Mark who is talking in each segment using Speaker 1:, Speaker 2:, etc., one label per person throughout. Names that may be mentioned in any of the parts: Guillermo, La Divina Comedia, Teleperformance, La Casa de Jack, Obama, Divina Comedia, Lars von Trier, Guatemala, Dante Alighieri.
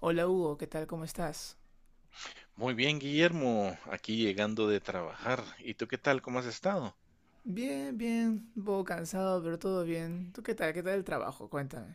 Speaker 1: Hola Hugo, ¿qué tal? ¿Cómo estás?
Speaker 2: Muy bien, Guillermo, aquí llegando de trabajar. ¿Y tú qué tal? ¿Cómo has estado?
Speaker 1: Bien, bien, un poco cansado, pero todo bien. ¿Tú qué tal? ¿Qué tal el trabajo? Cuéntame.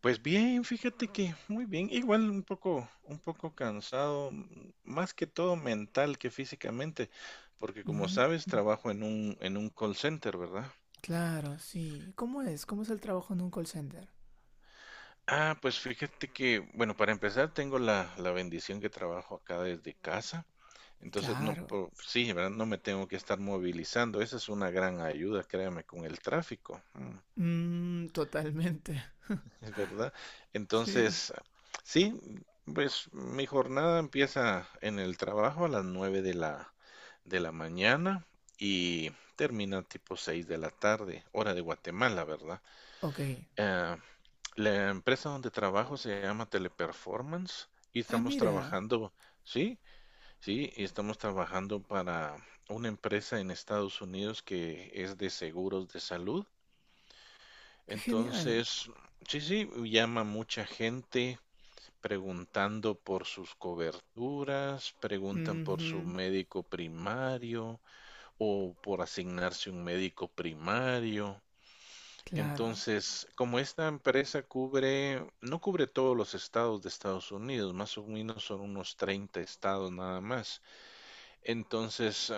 Speaker 2: Pues bien, fíjate que muy bien, igual un poco, cansado, más que todo mental que físicamente, porque como
Speaker 1: Mm,
Speaker 2: sabes, trabajo en un call center, ¿verdad?
Speaker 1: claro, sí. ¿Cómo es? ¿Cómo es el trabajo en un call center?
Speaker 2: Ah, pues fíjate que, bueno, para empezar, tengo la bendición que trabajo acá desde casa. Entonces, no,
Speaker 1: Claro.
Speaker 2: sí, ¿verdad? No me tengo que estar movilizando. Esa es una gran ayuda, créame, con el tráfico. Mm.
Speaker 1: Totalmente.
Speaker 2: Es verdad.
Speaker 1: Sí.
Speaker 2: Entonces, sí, pues mi jornada empieza en el trabajo a las 9 de la mañana y termina tipo 6 de la tarde, hora de Guatemala, ¿verdad?
Speaker 1: Ok.
Speaker 2: Eh, la empresa donde trabajo se llama Teleperformance y
Speaker 1: Ah,
Speaker 2: estamos
Speaker 1: mira,
Speaker 2: trabajando, sí, sí, y estamos trabajando para una empresa en Estados Unidos que es de seguros de salud.
Speaker 1: qué genial.
Speaker 2: Entonces, sí, sí, llama mucha gente preguntando por sus coberturas, preguntan por su
Speaker 1: Ujú.
Speaker 2: médico primario o por asignarse un médico primario.
Speaker 1: Claro.
Speaker 2: Entonces, como esta empresa cubre, no cubre todos los estados de Estados Unidos, más o menos son unos 30 estados nada más. Entonces,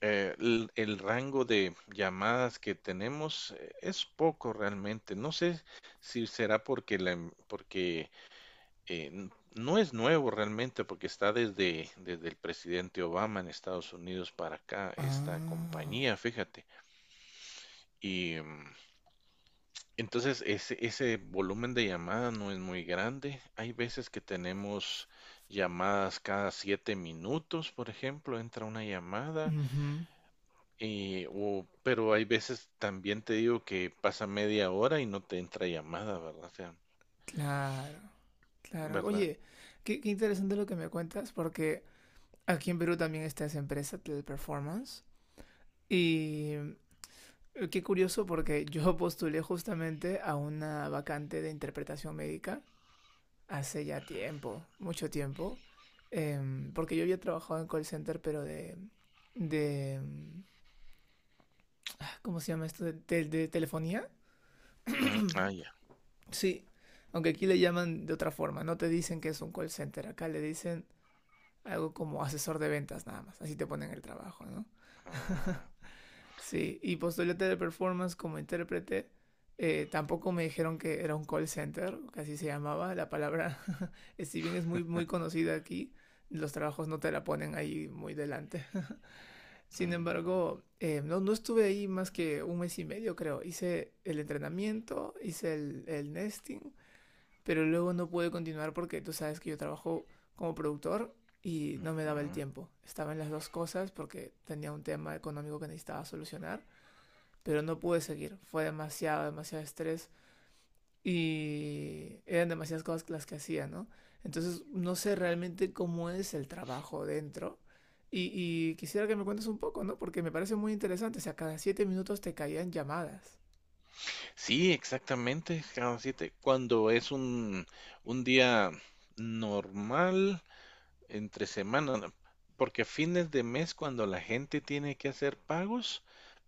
Speaker 2: el rango de llamadas que tenemos es poco realmente. No sé si será porque porque no es nuevo realmente porque está desde el presidente Obama en Estados Unidos para acá, esta
Speaker 1: Ah.
Speaker 2: compañía, fíjate. Y entonces ese volumen de llamada no es muy grande. Hay veces que tenemos llamadas cada 7 minutos, por ejemplo, entra una llamada,
Speaker 1: Ujú.
Speaker 2: pero hay veces también te digo que pasa media hora y no te entra llamada, ¿verdad? O sea,
Speaker 1: Claro, claro.
Speaker 2: ¿verdad?
Speaker 1: Oye, qué interesante lo que me cuentas, porque aquí en Perú también está esa empresa, Teleperformance. Y qué curioso porque yo postulé justamente a una vacante de interpretación médica hace ya tiempo, mucho tiempo, porque yo había trabajado en call center, pero de, em, ¿cómo se llama esto? ¿De telefonía?
Speaker 2: Ujú. Ah, ya.
Speaker 1: Sí, aunque aquí le llaman de otra forma, no te dicen que es un call center, acá le dicen algo como asesor de ventas nada más, así te ponen el trabajo, ¿no?
Speaker 2: Ah,
Speaker 1: Sí, y postulé Teleperformance como intérprete. Tampoco me dijeron que era un call center, que así se llamaba la palabra. Si bien es muy, muy conocida aquí, los trabajos no te la ponen ahí muy delante. Sin
Speaker 2: mm,
Speaker 1: embargo, no, no estuve ahí más que un mes y medio, creo. Hice el entrenamiento, hice el nesting, pero luego no pude continuar porque tú sabes que yo trabajo como productor y no me daba el
Speaker 2: ujú,
Speaker 1: tiempo. Estaba en las dos cosas porque tenía un tema económico que necesitaba solucionar, pero no pude seguir. Fue demasiado, demasiado estrés y eran demasiadas cosas las que hacía, ¿no? Entonces no sé
Speaker 2: claro.
Speaker 1: realmente cómo es el trabajo dentro. Y quisiera que me cuentes un poco, ¿no? Porque me parece muy interesante. O sea, cada siete minutos te caían llamadas.
Speaker 2: Sí, exactamente, cada siete. Cuando es un día normal entre semana, ¿no? Porque a fines de mes, cuando la gente tiene que hacer pagos,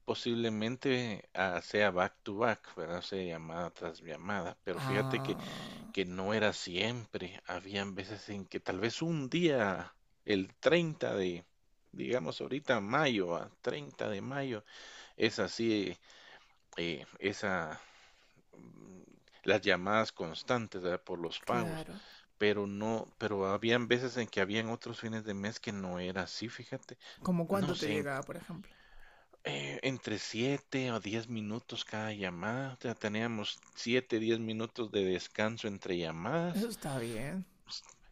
Speaker 2: posiblemente sea back to back, ¿verdad? O sea, llamada tras llamada. Pero fíjate que,
Speaker 1: Ah,
Speaker 2: que no era siempre. Habían veces en que tal vez un día, el 30 de, digamos ahorita mayo, 30 de mayo, es así, esa las llamadas constantes, ¿verdad?, por los pagos,
Speaker 1: claro.
Speaker 2: pero no, pero habían veces en que habían otros fines de mes que no era así, fíjate,
Speaker 1: ¿Como
Speaker 2: no
Speaker 1: cuánto te
Speaker 2: sé,
Speaker 1: llegaba, por ejemplo?
Speaker 2: entre 7 o 10 minutos cada llamada, o sea, teníamos 7, 10 minutos de descanso entre
Speaker 1: Eso
Speaker 2: llamadas.
Speaker 1: está bien.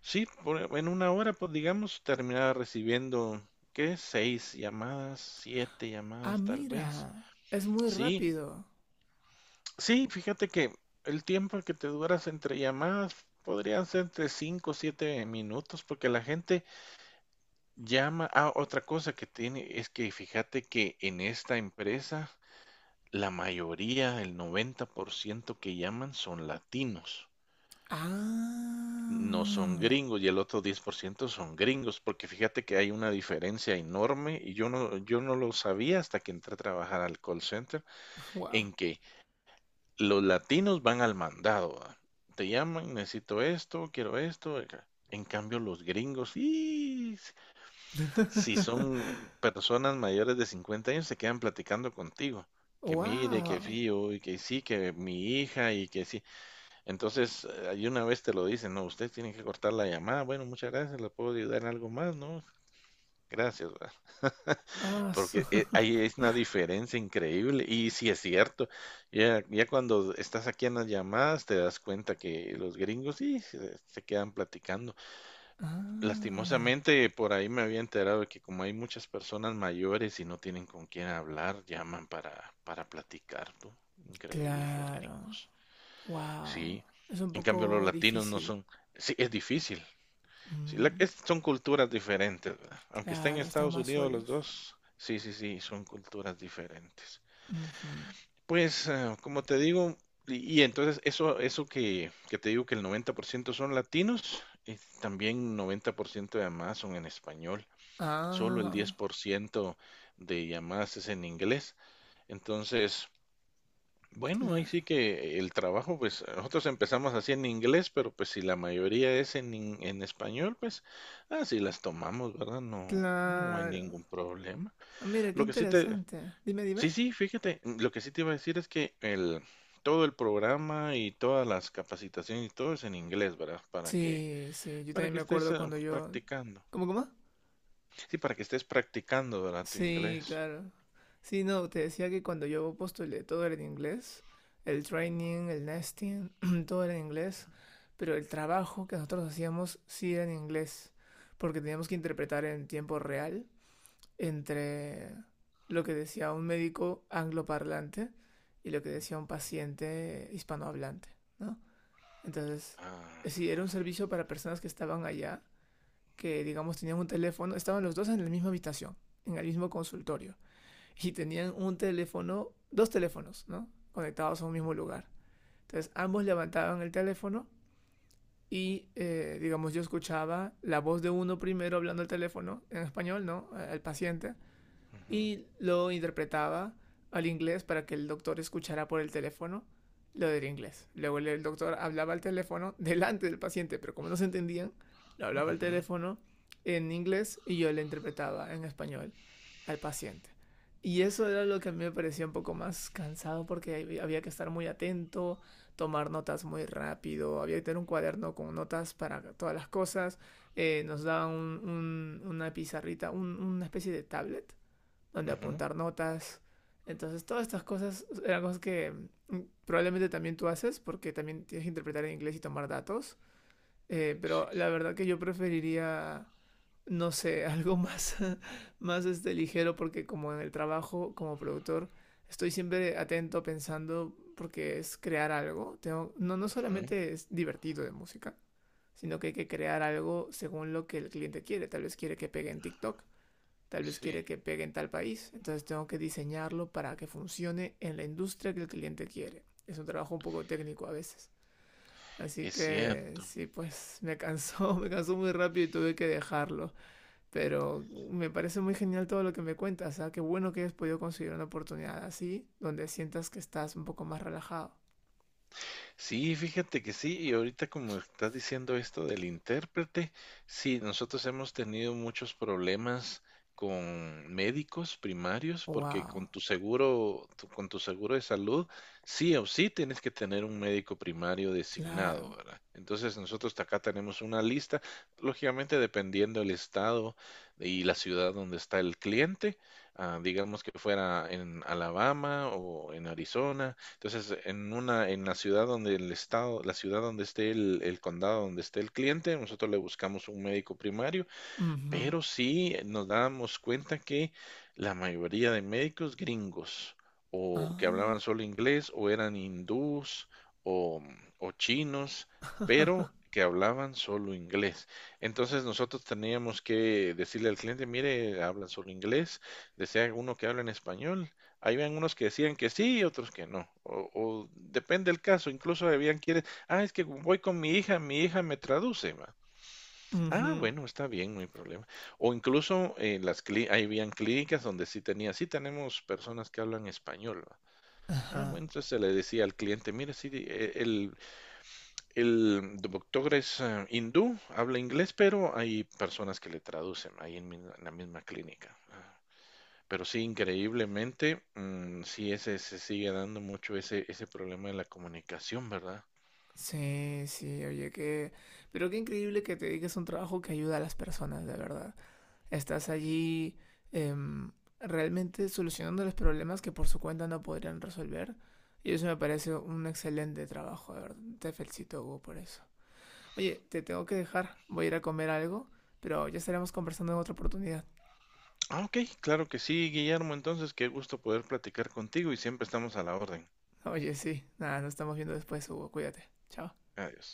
Speaker 2: Sí, en una hora, pues digamos, terminaba recibiendo, ¿qué? Seis llamadas, siete
Speaker 1: Ah,
Speaker 2: llamadas tal vez.
Speaker 1: mira. Es muy
Speaker 2: Sí.
Speaker 1: rápido.
Speaker 2: Sí, fíjate que el tiempo que te duras entre llamadas podrían ser entre 5 o 7 minutos, porque la gente llama. Ah, otra cosa que tiene es que fíjate que en esta empresa la mayoría, el 90% que llaman son latinos, no son
Speaker 1: Ah.
Speaker 2: gringos y el otro 10% son gringos, porque fíjate que hay una diferencia enorme y yo no lo sabía hasta que entré a trabajar al call center,
Speaker 1: Wow.
Speaker 2: en que los latinos van al mandado, ¿va? Te llaman, necesito esto, quiero esto, acá. En cambio, los gringos, y si son personas mayores de 50 años, se quedan platicando contigo. Que mire, que
Speaker 1: Wow.
Speaker 2: fío, y que sí, que mi hija, y que sí. Entonces, ahí una vez te lo dicen: no, usted tiene que cortar la llamada. Bueno, muchas gracias, le puedo ayudar en algo más, ¿no? Gracias, ¿va?
Speaker 1: Ah,
Speaker 2: Porque ahí es una diferencia increíble. Y sí es cierto, ya, ya cuando estás aquí en las llamadas te das cuenta que los gringos sí se quedan platicando.
Speaker 1: Ah,
Speaker 2: Lastimosamente por ahí me había enterado de que como hay muchas personas mayores y no tienen con quién hablar, llaman para platicar, ¿no? Increíbles los
Speaker 1: claro.
Speaker 2: gringos.
Speaker 1: Wow.
Speaker 2: Sí.
Speaker 1: Es un
Speaker 2: En cambio los
Speaker 1: poco
Speaker 2: latinos no
Speaker 1: difícil.
Speaker 2: son. Sí, es difícil. Sí,
Speaker 1: Mm,
Speaker 2: son culturas diferentes, ¿verdad? Aunque estén en
Speaker 1: claro, están
Speaker 2: Estados
Speaker 1: más
Speaker 2: Unidos los
Speaker 1: solos.
Speaker 2: dos, sí, sí, sí, son culturas diferentes.
Speaker 1: Ujú.
Speaker 2: Pues, como te digo, y entonces eso que te digo que el 90% son latinos, y también 90% de llamadas son en español, solo el
Speaker 1: Ah,
Speaker 2: 10% de llamadas es en inglés. Entonces, bueno, ahí
Speaker 1: claro.
Speaker 2: sí que el trabajo, pues nosotros empezamos así en inglés, pero pues si la mayoría es en español, pues así las tomamos, ¿verdad? No, no hay
Speaker 1: Claro.
Speaker 2: ningún problema.
Speaker 1: Ah, mira, qué
Speaker 2: Lo que sí te,
Speaker 1: interesante. Dime, dime.
Speaker 2: Sí, sí, fíjate, lo que sí te iba a decir es que todo el programa y todas las capacitaciones y todo es en inglés, ¿verdad? Para que,
Speaker 1: Sí, sí, yo
Speaker 2: para
Speaker 1: también
Speaker 2: que
Speaker 1: me
Speaker 2: estés
Speaker 1: acuerdo cuando yo.
Speaker 2: practicando.
Speaker 1: ¿Cómo, cómo?
Speaker 2: Sí, para que estés practicando, ¿verdad? Tu
Speaker 1: Sí,
Speaker 2: inglés.
Speaker 1: claro. Sí, no, te decía que cuando yo postulé todo era en inglés, el training, el nesting, todo era en inglés, pero el trabajo que nosotros hacíamos sí era en inglés, porque teníamos que interpretar en tiempo real entre lo que decía un médico angloparlante y lo que decía un paciente hispanohablante, ¿no? Entonces,
Speaker 2: Ah,
Speaker 1: sí, era un servicio para personas que estaban allá, que digamos tenían un teléfono, estaban los dos en la misma habitación, en el mismo consultorio y tenían un teléfono, dos teléfonos, ¿no? Conectados a un mismo lugar. Entonces ambos levantaban el teléfono y, digamos, yo escuchaba la voz de uno primero hablando al teléfono, en español, ¿no? El paciente,
Speaker 2: ujú,
Speaker 1: y lo interpretaba al inglés para que el doctor escuchara por el teléfono lo del inglés. Luego el doctor hablaba al teléfono delante del paciente, pero como no se entendían, lo hablaba al
Speaker 2: ujú,
Speaker 1: teléfono en inglés y yo le interpretaba en español al paciente. Y eso era lo que a mí me parecía un poco más cansado porque había que estar muy atento, tomar notas muy rápido, había que tener un cuaderno con notas para todas las cosas. Nos daban una pizarrita, una especie de tablet donde
Speaker 2: ujú,
Speaker 1: apuntar notas. Entonces, todas estas cosas eran cosas que probablemente también tú haces porque también tienes que interpretar en inglés y tomar datos.
Speaker 2: sí,
Speaker 1: Pero la verdad que yo preferiría, no sé, algo más, más este, ligero porque como en el trabajo, como productor, estoy siempre atento pensando porque es crear algo. Tengo, no, no
Speaker 2: ujú,
Speaker 1: solamente es divertido de música, sino que hay que crear algo según lo que el cliente quiere. Tal vez quiere que pegue en TikTok. Tal vez
Speaker 2: sí.
Speaker 1: quiere que pegue en tal país, entonces tengo que diseñarlo para que funcione en la industria que el cliente quiere. Es un trabajo un poco técnico a veces. Así
Speaker 2: Es
Speaker 1: que
Speaker 2: cierto.
Speaker 1: sí, pues me cansó, me cansó muy rápido y tuve que dejarlo. Pero me parece muy genial todo lo que me cuentas. ¿Eh? Qué bueno que hayas podido conseguir una oportunidad así, donde sientas que estás un poco más relajado.
Speaker 2: Sí, fíjate que sí, y ahorita como estás diciendo esto del intérprete, sí, nosotros hemos tenido muchos problemas con médicos primarios porque
Speaker 1: ¡Wow!
Speaker 2: con tu seguro, con tu seguro de salud, sí o sí tienes que tener un médico primario designado,
Speaker 1: Claro.
Speaker 2: ¿verdad? Entonces nosotros acá tenemos una lista, lógicamente dependiendo del estado y la ciudad donde está el cliente, digamos que fuera en Alabama o en Arizona. Entonces, en la ciudad donde la ciudad donde esté el condado donde esté el cliente, nosotros le buscamos un médico primario.
Speaker 1: Uh -huh.
Speaker 2: Pero sí, nos dábamos cuenta que la mayoría de médicos gringos, o que hablaban
Speaker 1: Ah.
Speaker 2: solo inglés, o eran hindús, o chinos, pero que hablaban solo inglés. Entonces nosotros teníamos que decirle al cliente: mire, hablan solo inglés, desea uno que hable en español. Habían unos que decían que sí y otros que no, o depende del caso, incluso habían quienes, es que voy con mi hija me traduce, ma.
Speaker 1: Uh
Speaker 2: Ah,
Speaker 1: -huh.
Speaker 2: bueno, está bien, no hay problema. O incluso, ahí habían clínicas donde sí tenemos personas que hablan español, ¿va? Ah,
Speaker 1: Ajá.
Speaker 2: bueno, entonces se le decía al cliente: mire, sí, el doctor es, hindú, habla inglés, pero hay personas que le traducen ahí en la misma clínica. Ah. Pero sí, increíblemente, mm, sí, se sigue dando mucho ese problema de la comunicación, ¿verdad?
Speaker 1: Sí, sí, oye, qué. Pero qué increíble que te dediques a un trabajo que ayuda a las personas, de verdad. Estás allí em, realmente solucionando los problemas que por su cuenta no podrían resolver. Y eso me parece un excelente trabajo, de verdad. Te felicito, Hugo, por eso. Oye, te tengo que dejar. Voy a ir a comer algo, pero ya estaremos conversando en otra oportunidad.
Speaker 2: Ah, ok, claro que sí, Guillermo, entonces qué gusto poder platicar contigo y siempre estamos a la orden.
Speaker 1: Oye, sí. Nada, nos estamos viendo después, Hugo. Cuídate. Chao.
Speaker 2: Adiós.